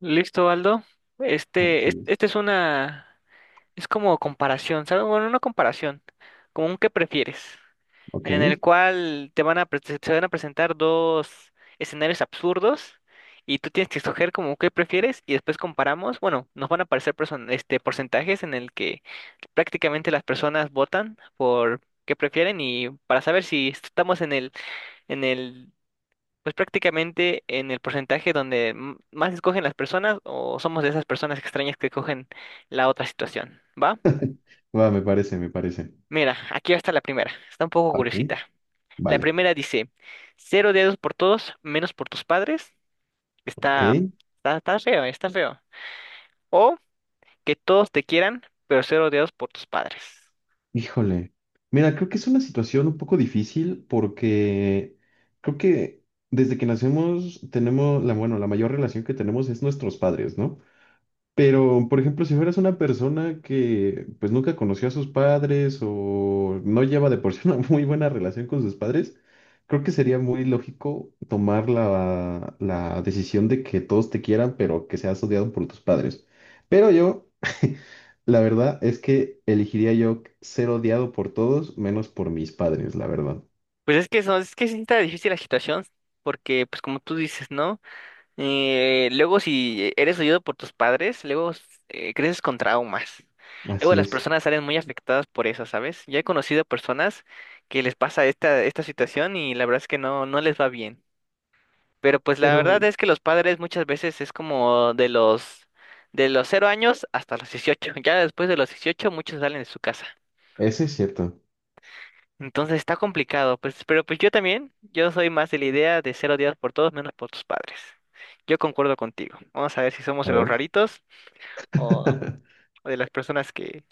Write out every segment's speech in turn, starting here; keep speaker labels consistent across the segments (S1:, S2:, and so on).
S1: Listo, Aldo. Este, es-
S2: Así es.
S1: este, es una, es como comparación, ¿sabes? Bueno, una comparación, como un qué prefieres,
S2: Ok.
S1: en el cual te van a, pre- se van a presentar dos escenarios absurdos y tú tienes que escoger como qué prefieres y después comparamos. Bueno, nos van a aparecer porcentajes en el que prácticamente las personas votan por qué prefieren y para saber si estamos en el pues prácticamente en el porcentaje donde más escogen las personas o somos de esas personas extrañas que escogen la otra situación, ¿va?
S2: Va, me parece, me parece.
S1: Mira, aquí está la primera. Está un poco
S2: Ok.
S1: curiosita. La
S2: Vale.
S1: primera dice, cero dedos por todos, menos por tus padres.
S2: Ok.
S1: Está, está feo, está feo. O que todos te quieran, pero cero dedos por tus padres.
S2: Híjole. Mira, creo que es una situación un poco difícil porque creo que desde que nacemos tenemos la, bueno, la mayor relación que tenemos es nuestros padres, ¿no? Pero, por ejemplo, si fueras una persona que pues nunca conoció a sus padres o no lleva de por sí una muy buena relación con sus padres, creo que sería muy lógico tomar la decisión de que todos te quieran, pero que seas odiado por tus padres. Pero yo, la verdad es que elegiría yo ser odiado por todos menos por mis padres, la verdad.
S1: Pues es que, es que sí está difícil la situación, porque pues como tú dices, ¿no? Luego, si eres oído por tus padres, luego creces con traumas. Luego
S2: Así
S1: las
S2: es.
S1: personas salen muy afectadas por eso, ¿sabes? Yo he conocido personas que les pasa esta situación y la verdad es que no, no les va bien. Pero pues la verdad
S2: Pero,
S1: es que los padres muchas veces es como de los 0 años hasta los 18. Ya después de los 18 muchos salen de su casa.
S2: ese es cierto.
S1: Entonces está complicado, pues, pero pues yo también, yo soy más de la idea de ser odiado por todos menos por tus padres. Yo concuerdo contigo. Vamos a ver si somos
S2: A
S1: de los
S2: ver,
S1: raritos o, o de las personas que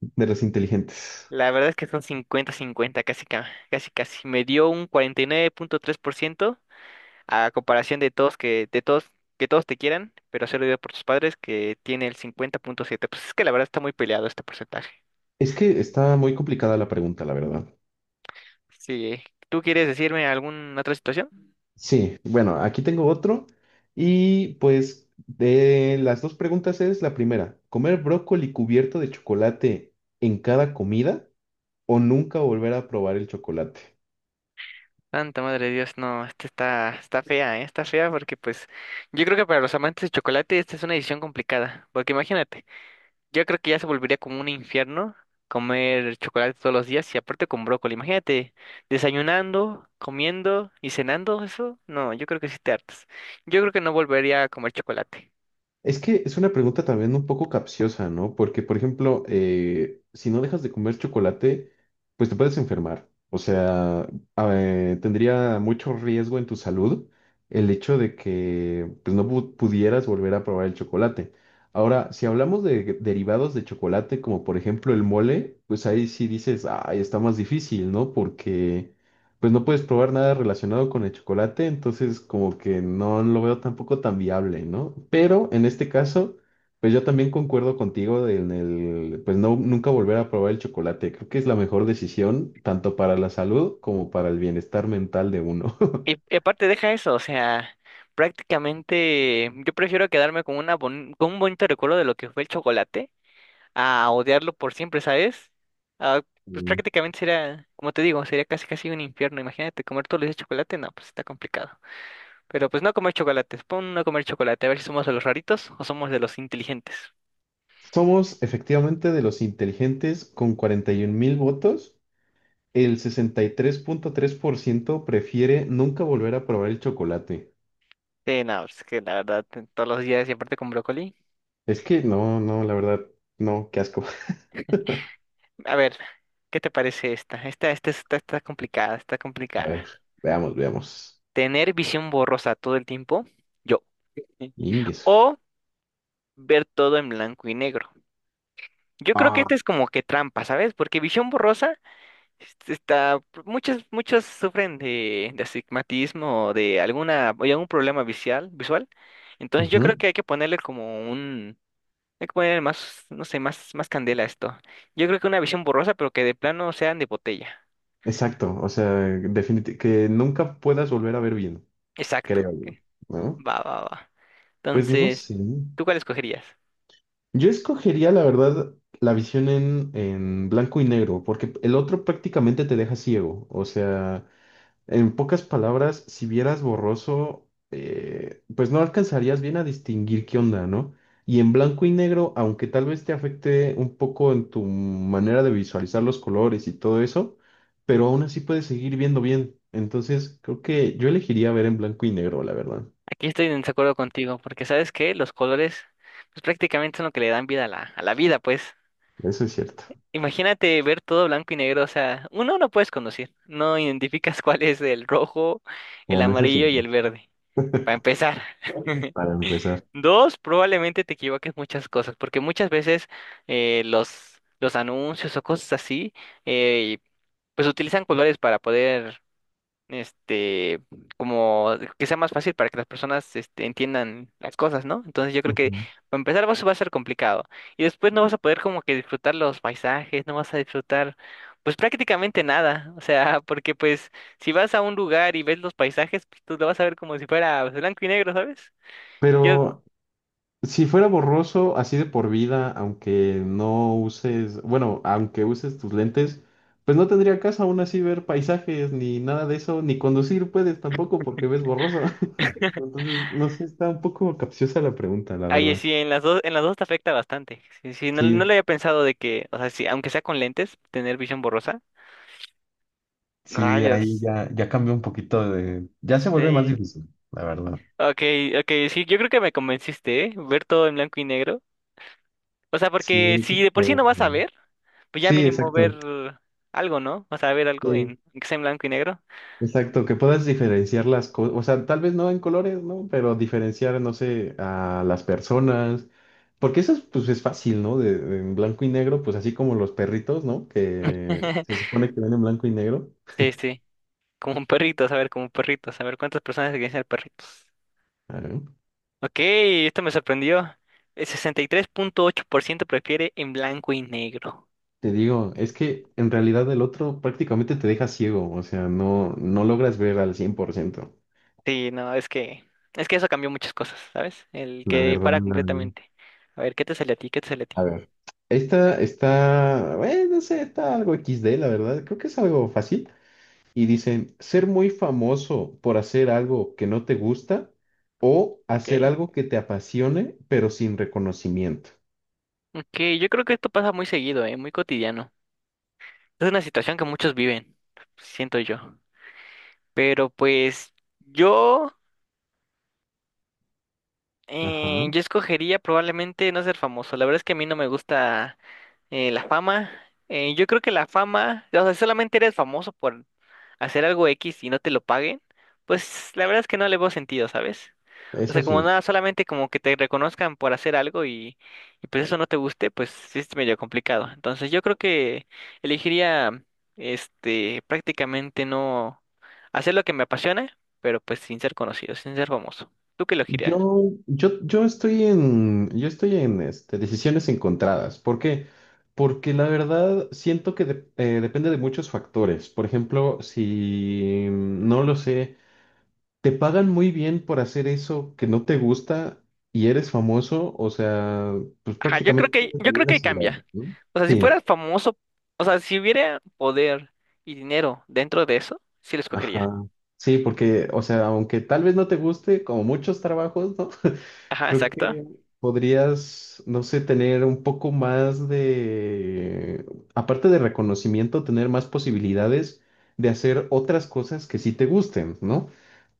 S2: de los inteligentes.
S1: la verdad es que son cincuenta-cincuenta, casi, casi. Me dio un 49.3% a comparación de todos, que todos te quieran, pero ser odiado por tus padres que tiene el 50.7. Pues es que la verdad está muy peleado este porcentaje.
S2: Es que está muy complicada la pregunta, la verdad.
S1: Sí, ¿eh? ¿Tú quieres decirme alguna otra situación?
S2: Sí, bueno, aquí tengo otro. Y pues de las dos preguntas es la primera, ¿comer brócoli cubierto de chocolate en cada comida o nunca volver a probar el chocolate?
S1: Santa madre de Dios, no, esta está, está fea, ¿eh? Está fea porque pues yo creo que para los amantes de chocolate esta es una decisión complicada, porque imagínate, yo creo que ya se volvería como un infierno comer chocolate todos los días y aparte con brócoli, imagínate, desayunando, comiendo y cenando eso, no, yo creo que sí te hartas. Yo creo que no volvería a comer chocolate.
S2: Es que es una pregunta también un poco capciosa, ¿no? Porque, por ejemplo, si no dejas de comer chocolate, pues te puedes enfermar. O sea, tendría mucho riesgo en tu salud el hecho de que pues, no pudieras volver a probar el chocolate. Ahora, si hablamos de derivados de chocolate, como por ejemplo el mole, pues ahí sí dices, ay, está más difícil, ¿no? Porque pues no puedes probar nada relacionado con el chocolate, entonces como que no lo veo tampoco tan viable, ¿no? Pero en este caso, pues yo también concuerdo contigo en el, pues no, nunca volver a probar el chocolate. Creo que es la mejor decisión, tanto para la salud como para el bienestar mental de uno.
S1: Y aparte deja eso, o sea, prácticamente yo prefiero quedarme con una con un bonito recuerdo de lo que fue el chocolate a odiarlo por siempre, ¿sabes? Ah, pues
S2: Mm.
S1: prácticamente sería, como te digo, sería casi casi un infierno. Imagínate comer todos los días chocolate, no, pues está complicado. Pero pues no comer chocolates, pon no comer chocolate, a ver si somos de los raritos o somos de los inteligentes.
S2: Somos efectivamente de los inteligentes con 41 mil votos. El sesenta y tres punto tres por ciento prefiere nunca volver a probar el chocolate.
S1: Sí, no, es que la verdad, todos los días y aparte con brócoli.
S2: Es que no, no, la verdad, no, qué asco.
S1: A ver, ¿qué te parece esta? Esta está complicada, está
S2: A
S1: complicada.
S2: ver, veamos, veamos.
S1: ¿Tener visión borrosa todo el tiempo? Yo. Sí.
S2: Ingueso.
S1: ¿O ver todo en blanco y negro? Yo creo que
S2: Ah,
S1: esta es como que trampa, ¿sabes? Porque visión borrosa. Este Está, muchos sufren de astigmatismo o de alguna, o de algún problema visual, visual. Entonces yo creo
S2: ujú,
S1: que hay que ponerle más, no sé, más, más candela a esto. Yo creo que una visión borrosa, pero que de plano sean de botella.
S2: exacto, o sea, definitivamente que nunca puedas volver a ver bien,
S1: Exacto.
S2: creo
S1: Ok.
S2: yo, ¿no?
S1: Va, va, va.
S2: Pues no
S1: Entonces,
S2: sé.
S1: ¿tú cuál escogerías?
S2: Yo escogería, la verdad, la visión en blanco y negro, porque el otro prácticamente te deja ciego, o sea, en pocas palabras, si vieras borroso, pues no alcanzarías bien a distinguir qué onda, ¿no? Y en blanco y negro, aunque tal vez te afecte un poco en tu manera de visualizar los colores y todo eso, pero aún así puedes seguir viendo bien. Entonces, creo que yo elegiría ver en blanco y negro, la verdad.
S1: Aquí estoy en desacuerdo contigo, porque sabes que los colores, pues prácticamente son lo que le dan vida a la vida, pues.
S2: Eso es cierto.
S1: Imagínate ver todo blanco y negro, o sea, uno no puedes conducir, no identificas cuál es el rojo, el
S2: Bueno, eso sí,
S1: amarillo y el verde, para empezar.
S2: para empezar.
S1: Dos, probablemente te equivoques muchas cosas, porque muchas veces los anuncios o cosas así, eh, pues utilizan colores para poder este, como que sea más fácil para que las personas entiendan las cosas, ¿no? Entonces yo creo que
S2: Ujú.
S1: para empezar va a ser complicado y después no vas a poder como que disfrutar los paisajes, no vas a disfrutar pues prácticamente nada, o sea, porque pues si vas a un lugar y ves los paisajes, pues tú lo vas a ver como si fuera pues, blanco y negro, ¿sabes? Yo
S2: Pero si fuera borroso, así de por vida, aunque no uses, bueno, aunque uses tus lentes, pues no tendría caso aún así ver paisajes ni nada de eso, ni conducir puedes tampoco porque ves borroso. Entonces, no sé, está un poco capciosa la pregunta, la
S1: Ahí
S2: verdad.
S1: sí, en las dos te afecta bastante. Sí, sí, no, no lo
S2: Sí,
S1: había pensado de que, o sea, sí, aunque sea con lentes, tener visión borrosa.
S2: sí, ahí
S1: Rayos.
S2: ya, ya cambió un poquito de... Ya se vuelve más
S1: Sí.
S2: difícil, la verdad.
S1: Okay, okay, sí, yo creo que me convenciste, ¿eh? Ver todo en blanco y negro. O sea, porque
S2: Sí,
S1: si de por sí no
S2: pero...
S1: vas a ver, pues ya
S2: Sí,
S1: mínimo ver
S2: exacto.
S1: algo, ¿no? O sea, ver algo
S2: Sí,
S1: en que sea en blanco y negro.
S2: exacto, que puedas diferenciar las cosas, o sea, tal vez no en colores, ¿no? Pero diferenciar, no sé, a las personas, porque eso es, pues es fácil, ¿no? De, en blanco y negro, pues así como los perritos, ¿no? Que se supone que ven en blanco y negro.
S1: Sí, sí. Como un perrito, a ver, como un perrito, a ver cuántas personas quieren ser perritos.
S2: Claro.
S1: Ok, esto me sorprendió. El 63.8% prefiere en blanco y negro.
S2: Te digo, es que en realidad el otro prácticamente te deja ciego, o sea, no, no logras ver al 100%.
S1: Sí, no, es que eso cambió muchas cosas, ¿sabes? El
S2: La
S1: que
S2: verdad,
S1: para
S2: no.
S1: completamente. A ver, ¿qué te sale a ti? ¿Qué te sale a
S2: A
S1: ti?
S2: ver. Esta está, bueno, no sé, está algo XD, la verdad. Creo que es algo fácil. Y dicen, ser muy famoso por hacer algo que no te gusta o hacer
S1: Ok.
S2: algo que te apasione, pero sin reconocimiento.
S1: Ok, yo creo que esto pasa muy seguido, ¿eh? Muy cotidiano. Es una situación que muchos viven, siento yo. Pero pues yo,
S2: Ajá,
S1: yo escogería probablemente no ser famoso. La verdad es que a mí no me gusta la fama. Yo creo que la fama, o sea, si solamente eres famoso por hacer algo X y no te lo paguen. Pues la verdad es que no le veo sentido, ¿sabes? O sea,
S2: eso
S1: como
S2: sí.
S1: nada, solamente como que te reconozcan por hacer algo y pues eso no te guste, pues sí es medio complicado. Entonces yo creo que elegiría, prácticamente no hacer lo que me apasiona, pero pues sin ser conocido, sin ser famoso. ¿Tú qué elegirías?
S2: Yo, yo estoy en este, decisiones encontradas. ¿Por qué? Porque la verdad siento que depende de muchos factores. Por ejemplo, si no lo sé. Te pagan muy bien por hacer eso que no te gusta y eres famoso, o sea, pues
S1: Ajá, yo creo
S2: prácticamente
S1: que,
S2: tienes la
S1: yo creo
S2: vida
S1: que ahí
S2: asegurada,
S1: cambia.
S2: ¿no?
S1: O sea, si
S2: Sí,
S1: fueras famoso, o sea, si hubiera poder y dinero dentro de eso, sí lo escogería.
S2: ajá. Sí, porque, o sea, aunque tal vez no te guste, como muchos trabajos, ¿no?
S1: Ajá,
S2: Creo
S1: exacto.
S2: que podrías, no sé, tener un poco más de, aparte de reconocimiento, tener más posibilidades de hacer otras cosas que sí te gusten, ¿no?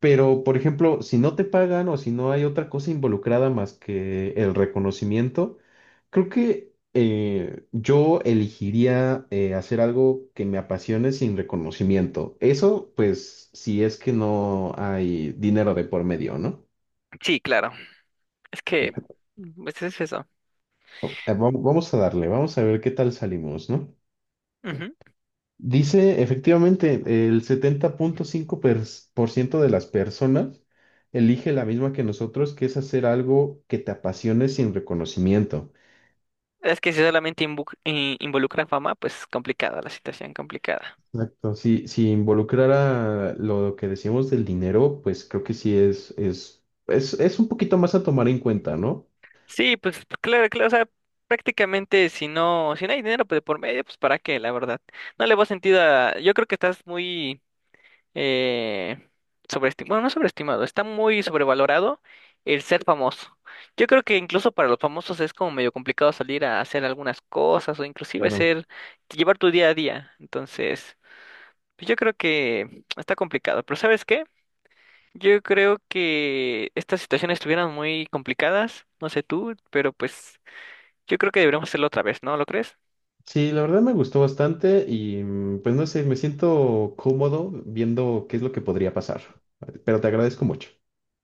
S2: Pero, por ejemplo, si no te pagan o si no hay otra cosa involucrada más que el reconocimiento, creo que yo elegiría hacer algo que me apasione sin reconocimiento. Eso, pues, si es que no hay dinero de por medio, ¿no?
S1: Sí, claro. Es que, pues es eso.
S2: Vamos a darle, vamos a ver qué tal salimos, ¿no?
S1: Ujú.
S2: Dice, efectivamente, el setenta punto cinco por ciento de las personas elige la misma que nosotros, que es hacer algo que te apasione sin reconocimiento.
S1: Es que si solamente involucra fama, pues complicada la situación, complicada.
S2: Exacto. Si, si involucrara lo que decíamos del dinero, pues creo que sí es, un poquito más a tomar en cuenta, ¿no?
S1: Sí, pues pues, claro, claro, o sea, prácticamente si no, hay dinero pues, de por medio, pues para qué, la verdad. No le veo sentido a, yo creo que estás muy eh, sobreestimado, bueno, no sobreestimado, está muy sobrevalorado el ser famoso. Yo creo que incluso para los famosos es como medio complicado salir a hacer algunas cosas o inclusive
S2: Claro.
S1: ser, llevar tu día a día. Entonces, pues, yo creo que está complicado, pero ¿sabes qué? Yo creo que estas situaciones estuvieran muy complicadas, no sé tú, pero pues yo creo que deberíamos hacerlo otra vez, ¿no lo crees?
S2: Sí, la verdad me gustó bastante y pues no sé, me siento cómodo viendo qué es lo que podría pasar. Pero te agradezco mucho.